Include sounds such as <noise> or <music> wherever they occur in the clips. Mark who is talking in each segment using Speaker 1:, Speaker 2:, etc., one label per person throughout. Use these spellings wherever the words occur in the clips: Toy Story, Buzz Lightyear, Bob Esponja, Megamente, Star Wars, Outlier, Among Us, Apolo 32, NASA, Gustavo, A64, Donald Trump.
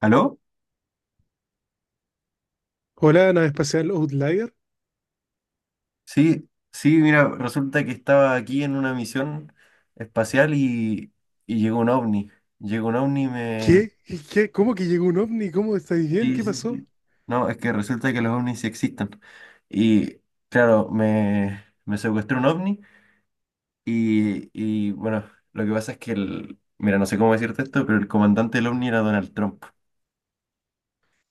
Speaker 1: ¿Aló?
Speaker 2: Hola, la nave espacial Outlier.
Speaker 1: Sí, sí, mira, resulta que estaba aquí en una misión espacial y llegó un ovni. Llegó un ovni y me—
Speaker 2: ¿Qué? ¿Qué? ¿Cómo que llegó un ovni? ¿Cómo estáis bien?
Speaker 1: Sí,
Speaker 2: ¿Qué
Speaker 1: sí,
Speaker 2: pasó?
Speaker 1: sí. No, es que resulta que los ovnis sí existen. Y claro, me secuestró un ovni y bueno, lo que pasa es que el— Mira, no sé cómo decirte esto, pero el comandante del ovni era Donald Trump.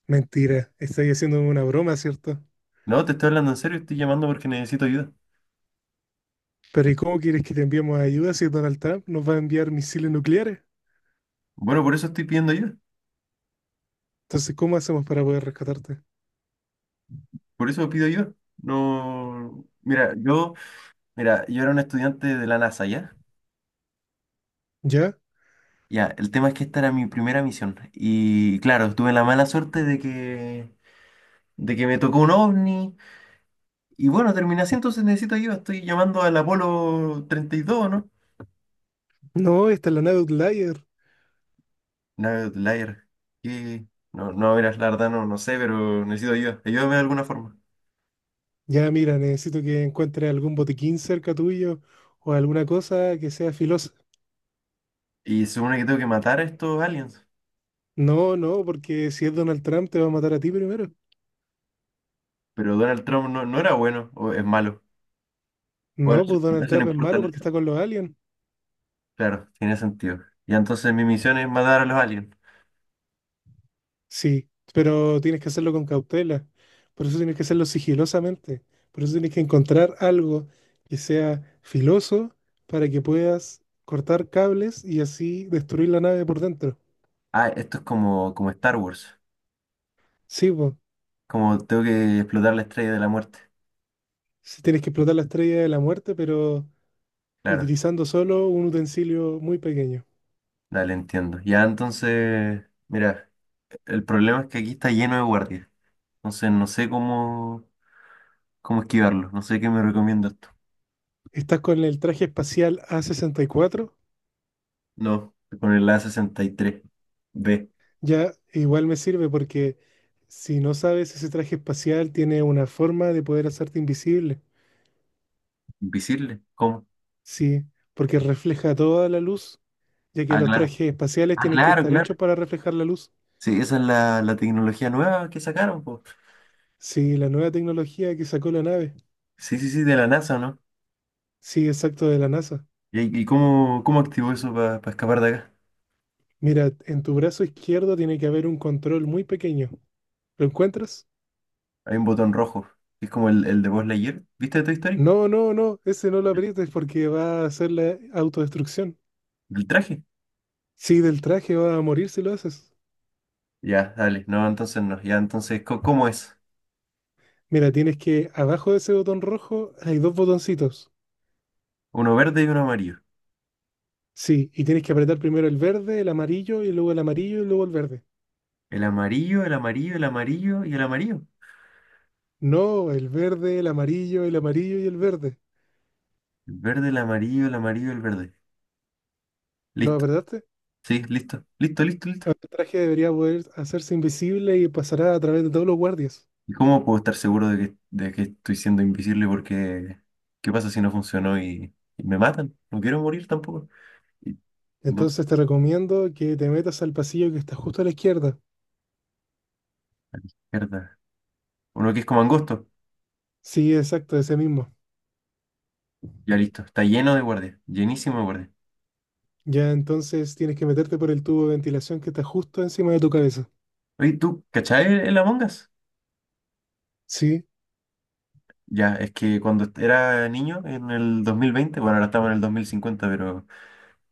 Speaker 2: Mentira, estáis haciendo una broma, ¿cierto?
Speaker 1: No, te estoy hablando en serio, estoy llamando porque necesito ayuda.
Speaker 2: Pero ¿y cómo quieres que te enviemos ayuda si Donald Trump nos va a enviar misiles nucleares?
Speaker 1: Bueno, por eso estoy pidiendo ayuda.
Speaker 2: Entonces, ¿cómo hacemos para poder rescatarte?
Speaker 1: Por eso pido ayuda. No. Mira, yo era un estudiante de la NASA, ¿ya?
Speaker 2: ¿Ya?
Speaker 1: Ya, el tema es que esta era mi primera misión. Y claro, tuve la mala suerte de que me tocó un ovni. Y bueno, terminé así, entonces necesito ayuda. Estoy llamando al Apolo 32, ¿no?
Speaker 2: No, esta es la nave Outlier.
Speaker 1: No, Lair. ¿Qué? No, no, mira, la verdad no, no sé, pero necesito ayuda. Ayúdame de alguna forma.
Speaker 2: Ya, mira, necesito que encuentres algún botiquín cerca tuyo o alguna cosa que sea filosa.
Speaker 1: Y se supone que tengo que matar a estos aliens.
Speaker 2: No, no, porque si es Donald Trump te va a matar a ti primero.
Speaker 1: Pero Donald Trump no era bueno, o es malo. Bueno,
Speaker 2: No, pues
Speaker 1: eso,
Speaker 2: Donald
Speaker 1: eso no
Speaker 2: Trump es
Speaker 1: importa.
Speaker 2: malo
Speaker 1: ¿No?
Speaker 2: porque está con los aliens.
Speaker 1: Claro, tiene sentido. Y entonces mi misión es matar a los aliens.
Speaker 2: Sí, pero tienes que hacerlo con cautela. Por eso tienes que hacerlo sigilosamente. Por eso tienes que encontrar algo que sea filoso para que puedas cortar cables y así destruir la nave por dentro.
Speaker 1: Ah, esto es como Star Wars.
Speaker 2: Sí, pues,
Speaker 1: Como tengo que explotar la Estrella de la Muerte.
Speaker 2: sí tienes que explotar la estrella de la muerte, pero
Speaker 1: Claro,
Speaker 2: utilizando solo un utensilio muy pequeño.
Speaker 1: dale, entiendo. Ya entonces, mira, el problema es que aquí está lleno de guardias. Entonces no sé cómo esquivarlo. No sé qué me recomienda esto.
Speaker 2: Estás con el traje espacial A64,
Speaker 1: No, con el A63B.
Speaker 2: ya igual me sirve porque si no sabes, ese traje espacial tiene una forma de poder hacerte invisible.
Speaker 1: Invisible. ¿Cómo?
Speaker 2: Sí, porque refleja toda la luz, ya que
Speaker 1: Ah,
Speaker 2: los
Speaker 1: claro.
Speaker 2: trajes espaciales
Speaker 1: Ah,
Speaker 2: tienen que
Speaker 1: claro,
Speaker 2: estar
Speaker 1: claro.
Speaker 2: hechos para reflejar la luz.
Speaker 1: Sí, esa es la tecnología nueva que sacaron, po.
Speaker 2: Sí, la nueva tecnología que sacó la nave.
Speaker 1: Sí, sí, sí, de la NASA, ¿no?
Speaker 2: Sí, exacto, de la NASA.
Speaker 1: ¿Y cómo activó eso para escapar de acá?
Speaker 2: Mira, en tu brazo izquierdo tiene que haber un control muy pequeño. ¿Lo encuentras?
Speaker 1: Hay un botón rojo, que es como el de Buzz Lightyear. ¿Viste de Toy Story?
Speaker 2: No, no, no, ese no lo
Speaker 1: ¿Mm?
Speaker 2: aprietes porque va a hacer la autodestrucción.
Speaker 1: ¿El traje?
Speaker 2: Sí, del traje va a morir si lo haces.
Speaker 1: Ya, dale. No, entonces no. Ya, entonces, ¿cómo es?
Speaker 2: Mira, tienes que, abajo de ese botón rojo hay dos botoncitos.
Speaker 1: Uno verde y uno amarillo.
Speaker 2: Sí, y tienes que apretar primero el verde, el amarillo, y luego el amarillo, y luego el verde.
Speaker 1: El amarillo, el amarillo, el amarillo y el amarillo.
Speaker 2: No, el verde, el amarillo y el verde.
Speaker 1: El verde, el amarillo, el amarillo, el verde.
Speaker 2: ¿Lo
Speaker 1: Listo.
Speaker 2: apretaste?
Speaker 1: Sí, listo. Listo, listo, listo.
Speaker 2: Ahora el traje debería poder hacerse invisible y pasará a través de todos los guardias.
Speaker 1: ¿Y cómo puedo estar seguro de que, estoy siendo invisible? Porque, ¿qué pasa si no funcionó y me matan? No quiero morir tampoco. Y- no,
Speaker 2: Entonces te recomiendo que te metas al pasillo que está justo a la izquierda.
Speaker 1: a la izquierda. Uno que es como angosto.
Speaker 2: Sí, exacto, ese mismo.
Speaker 1: Ya listo. Está lleno de guardias. Llenísimo de guardias.
Speaker 2: Ya entonces tienes que meterte por el tubo de ventilación que está justo encima de tu cabeza.
Speaker 1: Oye, ¿tú cachai el Among Us?
Speaker 2: Sí,
Speaker 1: Ya, es que cuando era niño, en el 2020, bueno, ahora estamos en el 2050, pero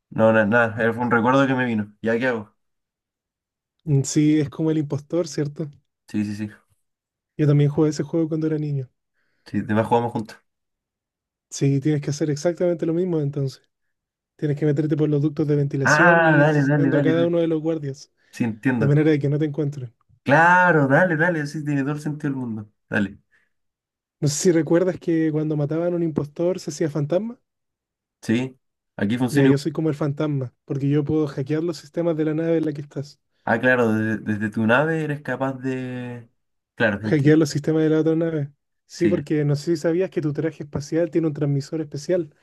Speaker 1: no, nada, fue un recuerdo que me vino. ¿Ya qué hago?
Speaker 2: sí, es como el impostor, ¿cierto?
Speaker 1: Sí, sí, sí.
Speaker 2: Yo también jugué ese juego cuando era niño.
Speaker 1: Sí, demás jugamos juntos.
Speaker 2: Sí, tienes que hacer exactamente lo mismo entonces. Tienes que meterte por los ductos de ventilación
Speaker 1: Ah,
Speaker 2: y ir
Speaker 1: dale, dale,
Speaker 2: asesinando a
Speaker 1: dale,
Speaker 2: cada
Speaker 1: dale.
Speaker 2: uno de los guardias,
Speaker 1: Sí,
Speaker 2: de
Speaker 1: entiendo.
Speaker 2: manera de que no te encuentren.
Speaker 1: Claro, dale, dale, sí, tiene todo el sentido del mundo. Dale.
Speaker 2: No sé si recuerdas que cuando mataban a un impostor se hacía fantasma.
Speaker 1: Sí, aquí
Speaker 2: Ya,
Speaker 1: funciona
Speaker 2: yo
Speaker 1: igual.
Speaker 2: soy como el fantasma, porque yo puedo hackear los sistemas de la nave en la que estás.
Speaker 1: Ah, claro, desde, tu nave eres capaz de— Claro, entiendo.
Speaker 2: Hackear los sistemas de la otra nave. Sí,
Speaker 1: Sí,
Speaker 2: porque no sé si sabías que tu traje espacial tiene un transmisor especial,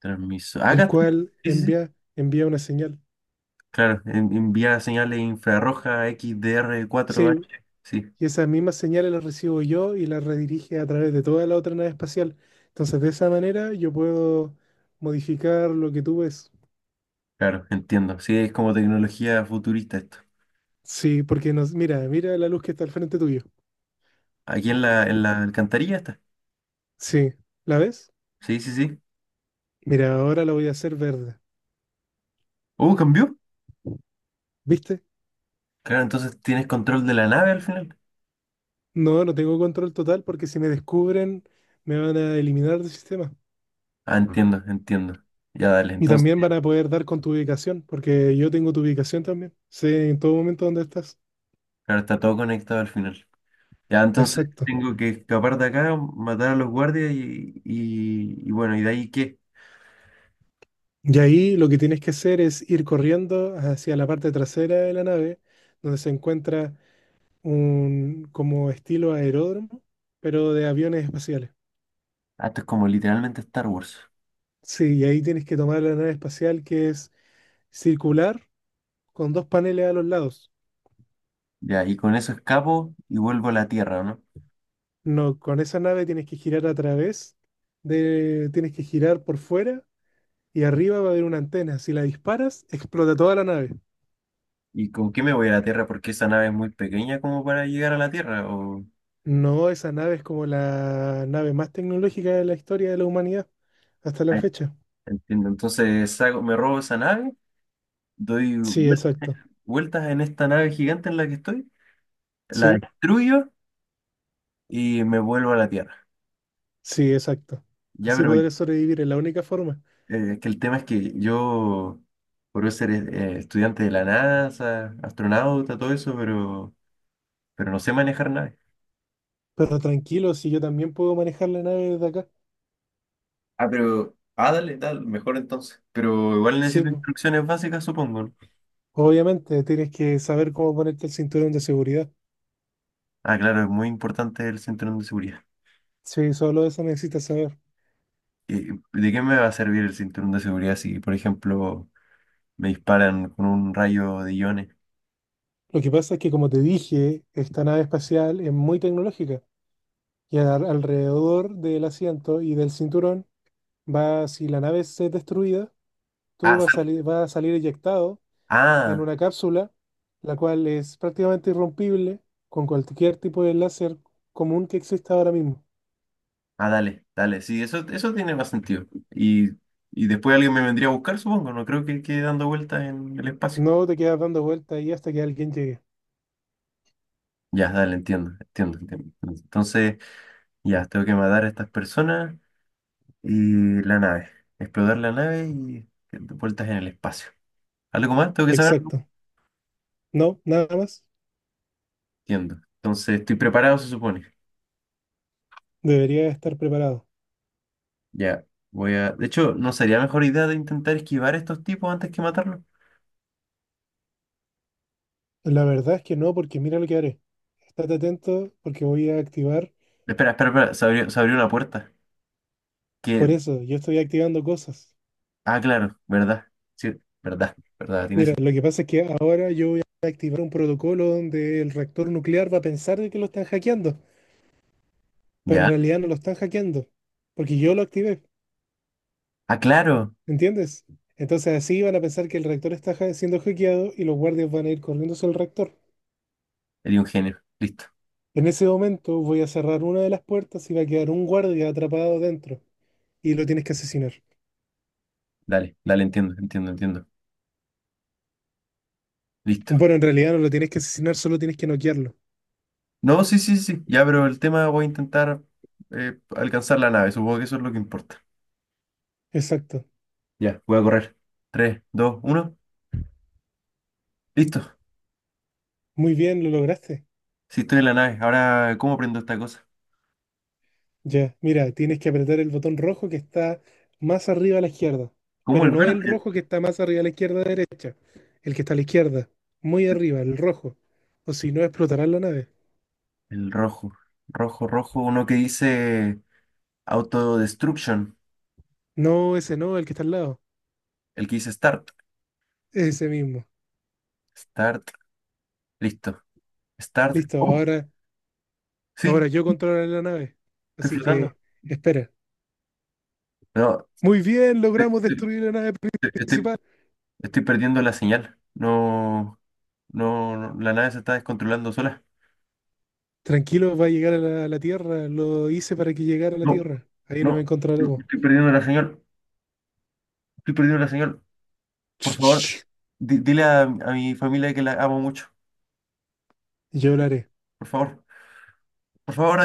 Speaker 1: transmiso. Ah, acá
Speaker 2: el
Speaker 1: está.
Speaker 2: cual
Speaker 1: Sí, sí, sí.
Speaker 2: envía una señal.
Speaker 1: Claro, envía señales infrarroja XDR4H.
Speaker 2: Sí,
Speaker 1: Sí.
Speaker 2: y esas mismas señales las recibo yo y las redirige a través de toda la otra nave espacial. Entonces, de esa manera yo puedo modificar lo que tú ves.
Speaker 1: Claro, entiendo. Sí, es como tecnología futurista esto.
Speaker 2: Sí, porque nos, mira, mira la luz que está al frente tuyo.
Speaker 1: Aquí en la alcantarilla está.
Speaker 2: Sí, ¿la ves?
Speaker 1: Sí, sí, sí.
Speaker 2: Mira, ahora la voy a hacer verde.
Speaker 1: Cambió.
Speaker 2: ¿Viste?
Speaker 1: Claro, entonces tienes control de la nave al final.
Speaker 2: No, no tengo control total porque si me descubren me van a eliminar del sistema.
Speaker 1: Ah, ujú. Entiendo, entiendo. Ya dale,
Speaker 2: Y
Speaker 1: entonces,
Speaker 2: también van a poder dar con tu ubicación, porque yo tengo tu ubicación también. Sé en todo momento dónde estás.
Speaker 1: claro, está todo conectado al final. Ya, entonces
Speaker 2: Exacto.
Speaker 1: tengo que escapar de acá, matar a los guardias y bueno, ¿y de ahí qué?
Speaker 2: Y ahí lo que tienes que hacer es ir corriendo hacia la parte trasera de la nave, donde se encuentra un como estilo aeródromo, pero de aviones espaciales.
Speaker 1: Ah, esto es como literalmente Star Wars.
Speaker 2: Sí, y ahí tienes que tomar la nave espacial que es circular con dos paneles a los lados.
Speaker 1: Ya, y con eso escapo y vuelvo a la Tierra, ¿no?
Speaker 2: No, con esa nave tienes que girar a través de, tienes que girar por fuera y arriba va a haber una antena. Si la disparas, explota toda la nave.
Speaker 1: ¿Y con qué me voy a la Tierra? Porque esa nave es muy pequeña como para llegar a la Tierra, o—
Speaker 2: No, esa nave es como la nave más tecnológica de la historia de la humanidad hasta la fecha.
Speaker 1: Entiendo. Entonces me robo esa nave, doy
Speaker 2: Sí, exacto.
Speaker 1: vueltas en esta nave gigante en la que estoy, la
Speaker 2: Sí,
Speaker 1: destruyo y me vuelvo a la Tierra.
Speaker 2: sí, exacto.
Speaker 1: Ya,
Speaker 2: Así
Speaker 1: pero
Speaker 2: podré sobrevivir, es la única forma.
Speaker 1: que el tema es que yo, por ser estudiante de la NASA, astronauta, todo eso, pero no sé manejar naves.
Speaker 2: Pero tranquilo, si yo también puedo manejar la nave desde acá.
Speaker 1: Ah, pero, ah, dale, dale, mejor entonces. Pero igual
Speaker 2: Sí,
Speaker 1: necesito
Speaker 2: po.
Speaker 1: instrucciones básicas, supongo. ¿No?
Speaker 2: Obviamente, tienes que saber cómo ponerte el cinturón de seguridad.
Speaker 1: Ah, claro, es muy importante el cinturón de seguridad.
Speaker 2: Sí, solo eso necesitas saber.
Speaker 1: ¿De qué me va a servir el cinturón de seguridad si, por ejemplo— Me disparan con un rayo de iones.
Speaker 2: Lo que pasa es que, como te dije, esta nave espacial es muy tecnológica y alrededor del asiento y del cinturón va, si la nave es destruida, tú
Speaker 1: Ah,
Speaker 2: vas a salir eyectado en
Speaker 1: ah,
Speaker 2: una cápsula, la cual es prácticamente irrompible con cualquier tipo de láser común que exista ahora mismo.
Speaker 1: dale, dale. Sí, eso tiene más sentido. Y después alguien me vendría a buscar, supongo. No creo que quede dando vueltas en el espacio.
Speaker 2: No te quedas dando vueltas ahí hasta que alguien llegue.
Speaker 1: Ya, dale, entiendo, entiendo, entiendo. Entonces, ya, tengo que matar a estas personas y la nave. Explotar la nave y vueltas en el espacio. ¿Algo más? Tengo que saber.
Speaker 2: Exacto. No, nada más.
Speaker 1: Entiendo. Entonces, estoy preparado, se supone.
Speaker 2: Debería estar preparado.
Speaker 1: Ya, De hecho, ¿no sería mejor idea de intentar esquivar a estos tipos antes que matarlos?
Speaker 2: La verdad es que no, porque mira lo que haré. Estate atento porque voy a activar.
Speaker 1: Espera, espera, espera. Se abrió una puerta.
Speaker 2: Por
Speaker 1: Que—
Speaker 2: eso, yo estoy activando cosas.
Speaker 1: Ah, claro, verdad. Sí, verdad, verdad, tiene
Speaker 2: Mira,
Speaker 1: sentido.
Speaker 2: lo que pasa es que ahora yo voy a activar un protocolo donde el reactor nuclear va a pensar de que lo están hackeando, pero en
Speaker 1: Ya.
Speaker 2: realidad no lo están hackeando, porque yo lo activé,
Speaker 1: Ah, claro.
Speaker 2: ¿entiendes? Entonces así van a pensar que el reactor está siendo hackeado y los guardias van a ir corriendo hacia el reactor.
Speaker 1: Eres un genio. Listo.
Speaker 2: En ese momento voy a cerrar una de las puertas y va a quedar un guardia atrapado dentro y lo tienes que asesinar.
Speaker 1: Dale, dale, entiendo, entiendo, entiendo. Listo.
Speaker 2: Bueno, en realidad no lo tienes que asesinar, solo tienes que noquearlo.
Speaker 1: No, sí, sí, sí. Ya, pero el tema voy a intentar alcanzar la nave. Supongo que eso es lo que importa.
Speaker 2: Exacto.
Speaker 1: Ya, voy a correr. Tres, dos, uno. Listo.
Speaker 2: Muy bien, lo lograste.
Speaker 1: Sí, estoy en la nave. Ahora, ¿cómo prendo esta cosa?
Speaker 2: Ya, mira, tienes que apretar el botón rojo que está más arriba a la izquierda,
Speaker 1: ¿Cómo el
Speaker 2: pero no el
Speaker 1: verde?
Speaker 2: rojo que está más arriba a la izquierda derecha, el que está a la izquierda, muy arriba, el rojo, o si no explotará la nave.
Speaker 1: El rojo. Rojo, rojo. Uno que dice autodestruction.
Speaker 2: No, ese no, el que está al lado,
Speaker 1: El que dice start.
Speaker 2: ese mismo.
Speaker 1: Start. Listo. Start.
Speaker 2: Listo,
Speaker 1: Oh,
Speaker 2: ahora,
Speaker 1: sí,
Speaker 2: ahora yo controlaré la nave,
Speaker 1: estoy
Speaker 2: así
Speaker 1: flotando.
Speaker 2: que espera.
Speaker 1: No,
Speaker 2: Muy bien,
Speaker 1: te-
Speaker 2: logramos
Speaker 1: te-
Speaker 2: destruir la nave
Speaker 1: te- estoy,
Speaker 2: principal.
Speaker 1: estoy perdiendo la señal. No, no, no, la nave se está descontrolando sola.
Speaker 2: Tranquilo, va a llegar a la Tierra, lo hice para que llegara a la
Speaker 1: No,
Speaker 2: Tierra. Ahí nos
Speaker 1: no, no,
Speaker 2: encontraremos.
Speaker 1: estoy perdiendo la señal. Estoy perdiendo la señal. Por favor,
Speaker 2: <tsk>
Speaker 1: dile a mi familia que la amo mucho.
Speaker 2: Yo hablaré.
Speaker 1: Por favor, por favor,